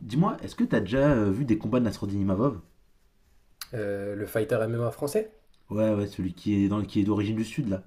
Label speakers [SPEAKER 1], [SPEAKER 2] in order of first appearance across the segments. [SPEAKER 1] Dis-moi, est-ce que t'as déjà vu des combats de Nasruddin Imavov?
[SPEAKER 2] Le fighter MMA français?
[SPEAKER 1] Ouais, ouais, celui qui est qui est d'origine du Sud, là.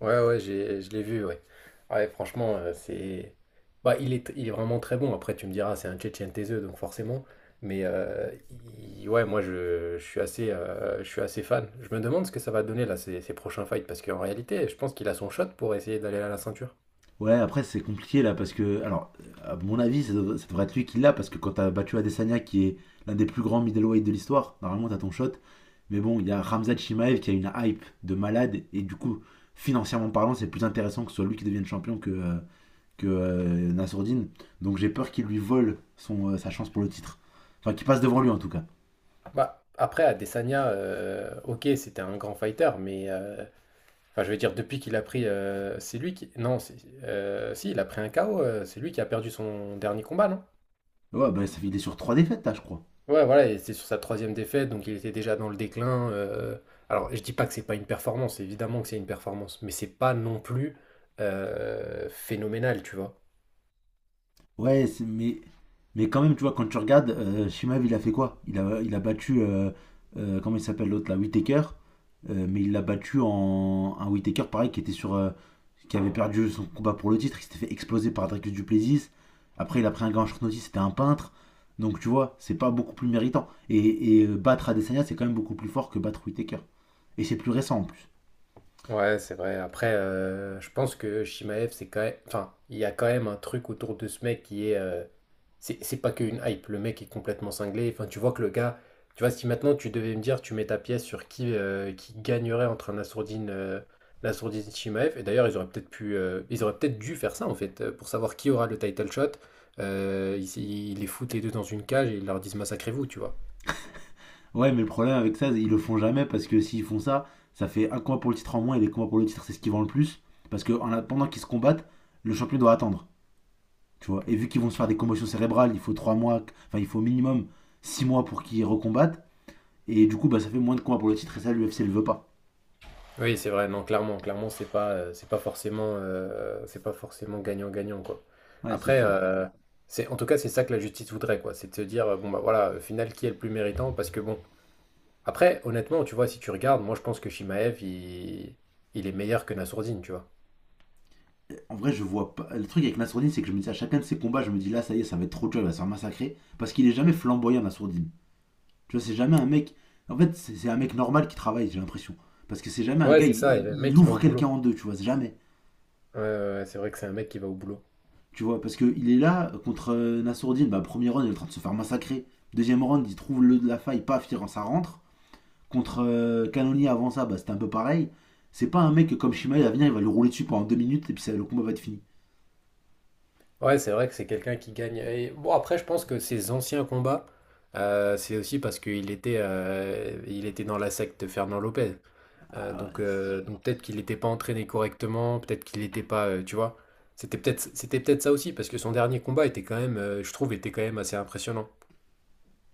[SPEAKER 2] Ouais, ouais, j'ai, je l'ai vu, ouais. Ouais, franchement, c'est. Bah, il est vraiment très bon. Après, tu me diras, c'est un Tchétchène taiseux, donc forcément. Mais ouais, moi, je suis je suis assez fan. Je me demande ce que ça va donner, là, ces prochains fights. Parce qu'en réalité, je pense qu'il a son shot pour essayer d'aller à la ceinture.
[SPEAKER 1] Ouais, après, c'est compliqué, là, parce que... Alors, à mon avis, ça devrait être lui qui l'a, parce que quand t'as battu Adesanya, qui est l'un des plus grands middleweight de l'histoire, normalement, t'as ton shot. Mais bon, il y a Ramzat Chimaev qui a une hype de malade, et du coup, financièrement parlant, c'est plus intéressant que ce soit lui qui devienne champion que Nasruddin. Donc j'ai peur qu'il lui vole sa chance pour le titre. Enfin, qu'il passe devant lui, en tout cas.
[SPEAKER 2] Bah, après, Adesanya, ok, c'était un grand fighter, mais. Enfin, je veux dire, depuis qu'il a pris. C'est lui qui. Non, si, il a pris un KO. C'est lui qui a perdu son dernier combat, non?
[SPEAKER 1] Ouais, bah, ça, il est sur trois défaites, là, je crois.
[SPEAKER 2] Ouais, voilà, et c'est sur sa troisième défaite, donc il était déjà dans le déclin. Alors, je dis pas que c'est pas une performance, évidemment que c'est une performance, mais c'est pas non plus phénoménal, tu vois.
[SPEAKER 1] Ouais. Mais quand même, tu vois, quand tu regardes, Shimaev, il a fait quoi? Il a battu, comment il s'appelle l'autre là, Whittaker, mais il l'a battu en un Whittaker pareil qui était qui avait perdu son combat pour le titre, il s'était fait exploser par Dricus Duplessis. Après, il a pris un gars en short notice, c'était un peintre. Donc tu vois, c'est pas beaucoup plus méritant. Et battre Adesanya, c'est quand même beaucoup plus fort que battre Whittaker. Et c'est plus récent en plus.
[SPEAKER 2] Ouais, c'est vrai. Après, je pense que Shimaev, c'est quand même... Enfin, il y a quand même un truc autour de ce mec qui est... C'est pas qu'une hype, le mec est complètement cinglé. Enfin, tu vois que le gars, tu vois, si maintenant tu devais me dire, tu mets ta pièce sur qui gagnerait entre un Nassourdine, Nassourdine Chimaev, et d'ailleurs, ils auraient peut-être pu, ils auraient peut-être dû faire ça en fait, pour savoir qui aura le title shot. Ils les foutent les deux dans une cage et ils leur disent massacrez-vous, tu vois.
[SPEAKER 1] Ouais, mais le problème avec ça, ils le font jamais parce que s'ils font ça, ça fait un combat pour le titre en moins et les combats pour le titre, c'est ce qui vend le plus. Parce que en attendant qu'ils se combattent, le champion doit attendre. Tu vois. Et vu qu'ils vont se faire des commotions cérébrales, il faut 3 mois, enfin il faut au minimum 6 mois pour qu'ils recombattent. Et du coup, bah, ça fait moins de combats pour le titre et ça, l'UFC le veut pas.
[SPEAKER 2] Oui, c'est vrai, non, clairement, clairement, c'est pas forcément gagnant-gagnant, quoi.
[SPEAKER 1] Ouais, c'est
[SPEAKER 2] Après,
[SPEAKER 1] sûr.
[SPEAKER 2] c'est, en tout cas, c'est ça que la justice voudrait, quoi. C'est de se dire, bon, bah voilà, au final, qui est le plus méritant? Parce que bon. Après, honnêtement, tu vois, si tu regardes, moi je pense que Shimaev, il est meilleur que Nassourdine, tu vois.
[SPEAKER 1] En vrai, je vois pas. Le truc avec Nassourdine, c'est que je me dis à chacun de ses combats, je me dis là, ça y est, ça va être trop dur, il va se faire massacrer. Parce qu'il est jamais flamboyant, Nassourdine. Tu vois, c'est jamais un mec. En fait, c'est un mec normal qui travaille, j'ai l'impression. Parce que c'est jamais un
[SPEAKER 2] Ouais,
[SPEAKER 1] gars,
[SPEAKER 2] c'est ça, et le
[SPEAKER 1] il
[SPEAKER 2] mec, il va
[SPEAKER 1] ouvre
[SPEAKER 2] au
[SPEAKER 1] quelqu'un
[SPEAKER 2] boulot.
[SPEAKER 1] en deux, tu vois, c'est jamais.
[SPEAKER 2] Ouais, ouais, ouais, c'est vrai que c'est un mec qui va au boulot.
[SPEAKER 1] Tu vois, parce qu'il est là contre Nassourdine, bah, premier round, il est en train de se faire massacrer. Deuxième round, il trouve le de la faille, paf, ça rentre. Contre Cannonier avant ça, bah, c'était un peu pareil. C'est pas un mec comme Shimaev, il va venir, il va le rouler dessus pendant 2 minutes et puis ça, le combat va être fini.
[SPEAKER 2] Ouais, c'est vrai que c'est quelqu'un qui gagne. Et bon, après, je pense que ses anciens combats, c'est aussi parce qu'il il était dans la secte Fernand Lopez.
[SPEAKER 1] Ah, ouais,
[SPEAKER 2] Donc peut-être qu'il n'était pas entraîné correctement, peut-être qu'il n'était pas, tu vois. C'était peut-être ça aussi, parce que son dernier combat était quand même, je trouve, était quand même assez impressionnant.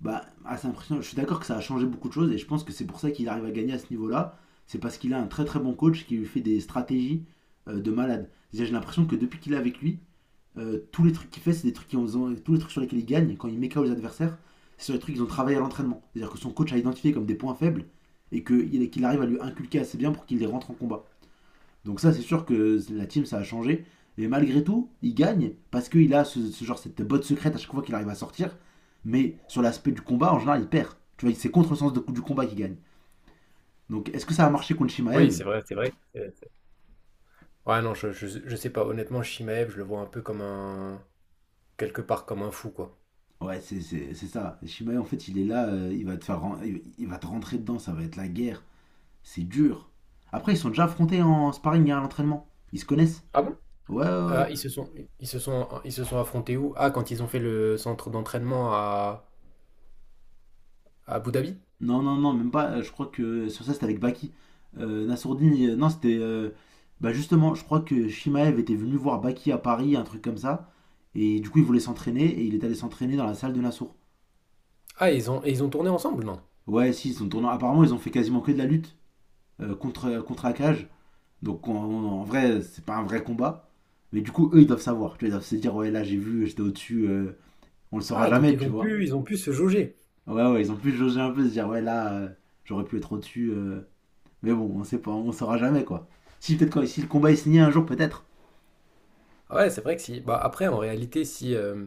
[SPEAKER 1] bah, assez impressionnant. Je suis d'accord que ça a changé beaucoup de choses et je pense que c'est pour ça qu'il arrive à gagner à ce niveau-là. C'est parce qu'il a un très très bon coach qui lui fait des stratégies de malade. C'est-à-dire, j'ai l'impression que depuis qu'il est avec lui, tous les trucs qu'il fait, c'est des tous les trucs sur lesquels il gagne quand il met KO les adversaires, c'est sur les trucs qu'ils ont travaillé à l'entraînement. C'est-à-dire que son coach a identifié comme des points faibles et que- qu'il arrive à lui inculquer assez bien pour qu'il les rentre en combat. Donc ça, c'est sûr que la team, ça a changé. Et malgré tout, il gagne parce qu'il a ce genre, cette botte secrète à chaque fois qu'il arrive à sortir. Mais sur l'aspect du combat, en général, il perd. Tu vois, c'est contre le sens du combat qu'il gagne. Donc est-ce que ça a marché contre
[SPEAKER 2] Oui,
[SPEAKER 1] Shimaev?
[SPEAKER 2] c'est vrai, c'est vrai. Ouais, non, je sais pas. Honnêtement, Shimaev, je le vois un peu comme un. Quelque part comme un fou, quoi.
[SPEAKER 1] Ouais, c'est ça. Shimaev, en fait, il est là, il va te faire, il va te rentrer dedans, ça va être la guerre. C'est dur. Après, ils sont déjà affrontés en sparring et à l'entraînement. Ils se connaissent.
[SPEAKER 2] Ah bon?
[SPEAKER 1] Ouais, ouais, ouais.
[SPEAKER 2] Ah, ils se sont affrontés où? Ah, quand ils ont fait le centre d'entraînement à Abu Dhabi?
[SPEAKER 1] Non, non, non, même pas. Je crois que sur ça, c'était avec Baki. Nassourdine, non, c'était. Bah justement, je crois que Shimaev était venu voir Baki à Paris, un truc comme ça. Et du coup, il voulait s'entraîner et il est allé s'entraîner dans la salle de Nassour.
[SPEAKER 2] Ah, et ils ont tourné ensemble, non?
[SPEAKER 1] Ouais, si, ils sont tournants. Apparemment, ils ont fait quasiment que de la lutte contre Akage. Donc, en vrai, c'est pas un vrai combat. Mais du coup, eux, ils doivent savoir. Tu vois, ils doivent se dire, ouais, là, j'ai vu, j'étais au-dessus. On le saura
[SPEAKER 2] Ah, donc
[SPEAKER 1] jamais, tu vois.
[SPEAKER 2] ils ont pu se jauger.
[SPEAKER 1] Ouais, ouais, ils ont pu jauger un peu, se dire, ouais, là, j'aurais pu être au-dessus. Mais bon, on sait pas, on saura jamais quoi. Si peut-être si le combat est signé un jour, peut-être.
[SPEAKER 2] Ouais, c'est vrai que si. Bah, après, en réalité, si.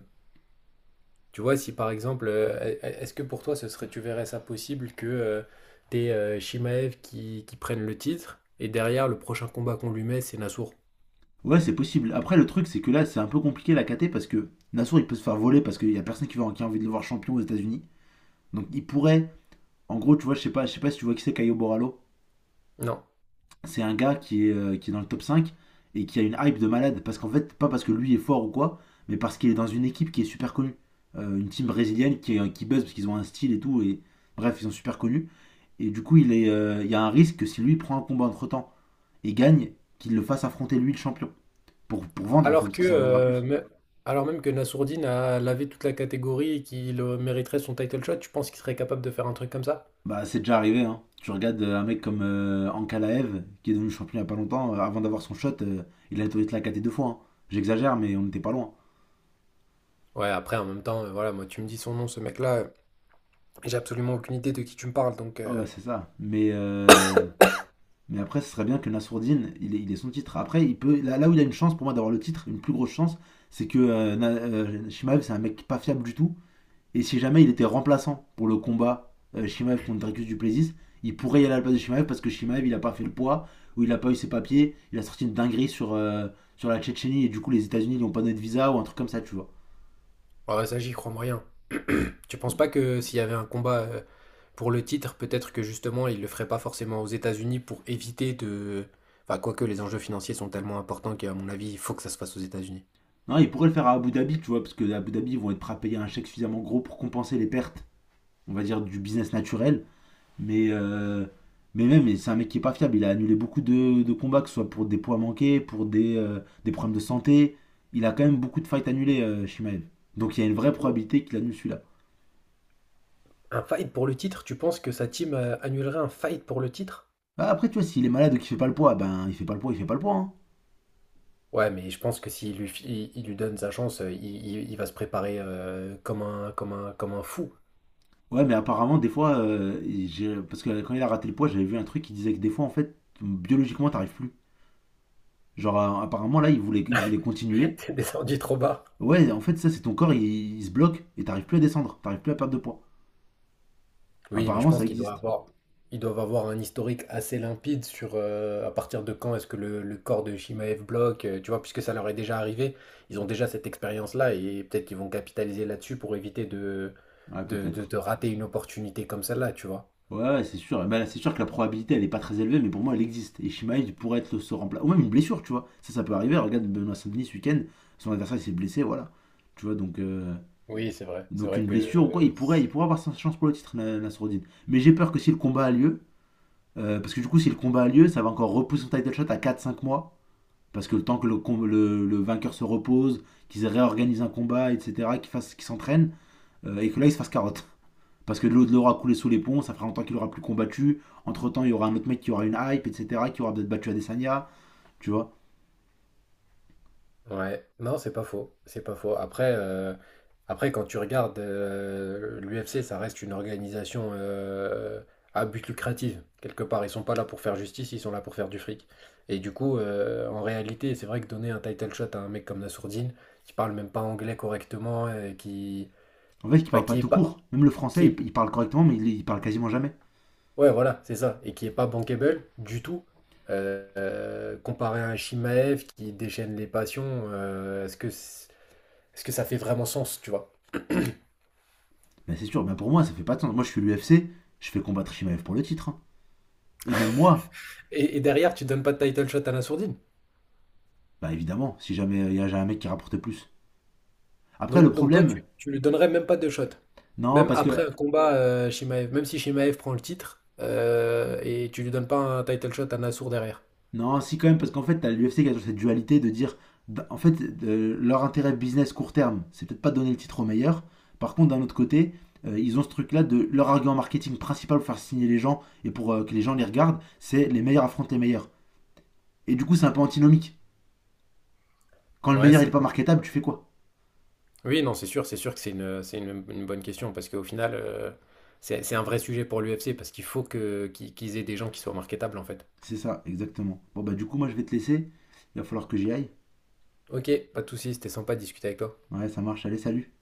[SPEAKER 2] Tu vois, si par exemple. Est-ce que pour toi, ce serait, tu verrais ça possible que t'aies Shimaev qui prenne le titre et derrière, le prochain combat qu'on lui met, c'est Nassour?
[SPEAKER 1] Ouais, c'est possible. Après, le truc, c'est que là, c'est un peu compliqué la KT parce que Nassour, il peut se faire voler parce qu'il y a personne qui a envie de le voir champion aux États-Unis. Donc, il pourrait. En gros, tu vois, je sais pas si tu vois qui c'est Caio Borralho.
[SPEAKER 2] Non.
[SPEAKER 1] C'est un gars qui est dans le top 5 et qui a une hype de malade. Parce qu'en fait, pas parce que lui est fort ou quoi, mais parce qu'il est dans une équipe qui est super connue. Une team brésilienne qui buzz parce qu'ils ont un style et tout. Et bref, ils sont super connus. Et du coup, il y a un risque que si lui prend un combat entre temps et gagne, qu'il le fasse affronter lui le champion. Pour vendre en fait,
[SPEAKER 2] Alors
[SPEAKER 1] parce
[SPEAKER 2] que,
[SPEAKER 1] que ça vendra plus.
[SPEAKER 2] alors même que Nassourdine a lavé toute la catégorie et qu'il mériterait son title shot, tu penses qu'il serait capable de faire un truc comme ça?
[SPEAKER 1] Bah c'est déjà arrivé, hein. Tu regardes un mec comme Ankalaev, qui est devenu champion il y a pas longtemps, avant d'avoir son shot, il a été la KT 2 fois, hein. J'exagère, mais on n'était pas loin.
[SPEAKER 2] Ouais, après, en même temps, voilà, moi, tu me dis son nom, ce mec-là, j'ai absolument aucune idée de qui tu me parles, donc,
[SPEAKER 1] Ah ouais, c'est ça. Mais après, ce serait bien que Nassourdine, il ait son titre. Après, là, là où il a une chance pour moi d'avoir le titre, une plus grosse chance, c'est que Shimaev, c'est un mec pas fiable du tout. Et si jamais il était remplaçant pour le combat Shimaev contre Dracus du Plessis, il pourrait y aller à la place de Shimaev parce que Shimaev il a pas fait le poids ou il a pas eu ses papiers, il a sorti une dinguerie sur la Tchétchénie et du coup les États-Unis ils ont pas donné de visa ou un truc comme ça, tu vois.
[SPEAKER 2] ouais, ouais, ça, j'y crois moyen. Tu penses pas que s'il y avait un combat pour le titre, peut-être que justement, il le ferait pas forcément aux États-Unis pour éviter de... Enfin, quoique les enjeux financiers sont tellement importants qu'à mon avis, il faut que ça se fasse aux États-Unis.
[SPEAKER 1] Non, il pourrait le faire à Abu Dhabi, tu vois, parce que à Abu Dhabi ils vont être prêts à payer un chèque suffisamment gros pour compenser les pertes, on va dire, du business naturel. Mais, euh, mais même, c'est un mec qui est pas fiable. Il a annulé beaucoup de combats, que ce soit pour des poids manqués, pour des problèmes de santé. Il a quand même beaucoup de fights annulés, Shimaev. Donc il y a une vraie
[SPEAKER 2] Ou
[SPEAKER 1] probabilité qu'il annule celui-là.
[SPEAKER 2] un fight pour le titre, tu penses que sa team annulerait un fight pour le titre?
[SPEAKER 1] Bah, après, tu vois, s'il est malade ou qu'il fait pas le poids, ben il fait pas le poids, il fait pas le poids, hein.
[SPEAKER 2] Ouais, mais je pense que s'il lui, il lui donne sa chance, il va se préparer comme comme un fou,
[SPEAKER 1] Ouais, mais apparemment, des fois, parce que quand il a raté le poids, j'avais vu un truc qui disait que des fois, en fait, biologiquement, t'arrives plus. Genre, apparemment, là, il voulait continuer.
[SPEAKER 2] descendu trop bas.
[SPEAKER 1] Ouais, en fait, ça, c'est ton corps, il se bloque et t'arrives plus à descendre, t'arrives plus à perdre de poids.
[SPEAKER 2] Oui, mais je
[SPEAKER 1] Apparemment,
[SPEAKER 2] pense
[SPEAKER 1] ça
[SPEAKER 2] qu'ils doivent
[SPEAKER 1] existe.
[SPEAKER 2] avoir, ils doivent avoir un historique assez limpide sur à partir de quand est-ce que le corps de Shimaev bloque, tu vois, puisque ça leur est déjà arrivé, ils ont déjà cette expérience-là et peut-être qu'ils vont capitaliser là-dessus pour éviter
[SPEAKER 1] Ouais, peut-être.
[SPEAKER 2] de rater une opportunité comme celle-là, tu vois.
[SPEAKER 1] Ouais, ouais, c'est sûr. Eh ben, c'est sûr que la probabilité, elle est pas très élevée, mais pour moi, elle existe. Et Shimaev pourrait être ce remplaçant. Ou même une blessure, tu vois. Ça peut arriver. Regarde Benoît Saint-Denis ce week-end, son adversaire, il s'est blessé, voilà. Tu vois,
[SPEAKER 2] Oui, c'est vrai. C'est
[SPEAKER 1] donc
[SPEAKER 2] vrai
[SPEAKER 1] une blessure ou quoi,
[SPEAKER 2] que
[SPEAKER 1] il pourrait avoir sa chance pour le titre, Nasruddin. Mais j'ai peur que si le combat a lieu, parce que du coup, si le combat a lieu, ça va encore repousser son title shot à 4 5 mois. Parce que le temps que le vainqueur se repose, qu'ils réorganisent un combat, etc., qu'ils s'entraînent, et que là, ils se fassent carotte. Parce que de l'eau de l'aura coulé sous les ponts, ça fera longtemps qu'il aura plus combattu. Entre temps, il y aura un autre mec qui aura une hype, etc., qui aura peut-être battu Adesanya, tu vois.
[SPEAKER 2] ouais, non, c'est pas faux, c'est pas faux. Après, après quand tu regardes l'UFC, ça reste une organisation à but lucratif. Quelque part, ils sont pas là pour faire justice, ils sont là pour faire du fric. Et du coup, en réalité, c'est vrai que donner un title shot à un mec comme Nassourdine, qui parle même pas anglais correctement,
[SPEAKER 1] En fait, il
[SPEAKER 2] enfin,
[SPEAKER 1] parle pas
[SPEAKER 2] qui est
[SPEAKER 1] tout
[SPEAKER 2] pas,
[SPEAKER 1] court. Même le
[SPEAKER 2] qui
[SPEAKER 1] français,
[SPEAKER 2] est,
[SPEAKER 1] il parle correctement, mais il parle quasiment jamais.
[SPEAKER 2] ouais, voilà, c'est ça, et qui est pas bankable du tout. Comparé à un Chimaev qui déchaîne les passions, euh, est-ce que, c'est- est-ce que ça fait vraiment sens, tu vois?
[SPEAKER 1] Ben, c'est sûr, ben, pour moi, ça fait pas de sens. Moi, je suis l'UFC, je fais combattre Shimaev pour le titre, hein. Et même moi,
[SPEAKER 2] Et derrière, tu donnes pas de title shot à la sourdine.
[SPEAKER 1] bah ben, évidemment, si jamais il y a un mec qui rapporte plus. Après, le
[SPEAKER 2] Donc toi,
[SPEAKER 1] problème,
[SPEAKER 2] tu lui donnerais même pas de shot.
[SPEAKER 1] non,
[SPEAKER 2] Même
[SPEAKER 1] parce que
[SPEAKER 2] après un combat, Shimaev, même si Shimaev prend le titre, et tu lui donnes pas un title shot à Nassour derrière.
[SPEAKER 1] non, si quand même, parce qu'en fait, t'as l'UFC qui a toujours cette dualité de dire, d- en fait, leur intérêt business court terme, c'est peut-être pas donner le titre au meilleur. Par contre, d'un autre côté, ils ont ce truc-là de leur argument marketing principal pour faire signer les gens et pour que les gens les regardent, c'est les meilleurs affrontent les meilleurs. Et du coup, c'est un peu antinomique. Quand le
[SPEAKER 2] Ouais,
[SPEAKER 1] meilleur il est
[SPEAKER 2] c'est
[SPEAKER 1] pas
[SPEAKER 2] pas faux,
[SPEAKER 1] marketable,
[SPEAKER 2] ouais.
[SPEAKER 1] tu fais quoi?
[SPEAKER 2] Oui, non, c'est sûr que c'est une bonne question, parce qu'au final, c'est un vrai sujet pour l'UFC, parce qu'il faut que, qu'ils aient des gens qui soient marketables, en fait.
[SPEAKER 1] C'est ça, exactement. Bon bah du coup, moi je vais te laisser. Il va falloir que j'y aille.
[SPEAKER 2] Ok, pas de soucis, c'était sympa de discuter avec toi.
[SPEAKER 1] Ouais, ça marche. Allez, salut.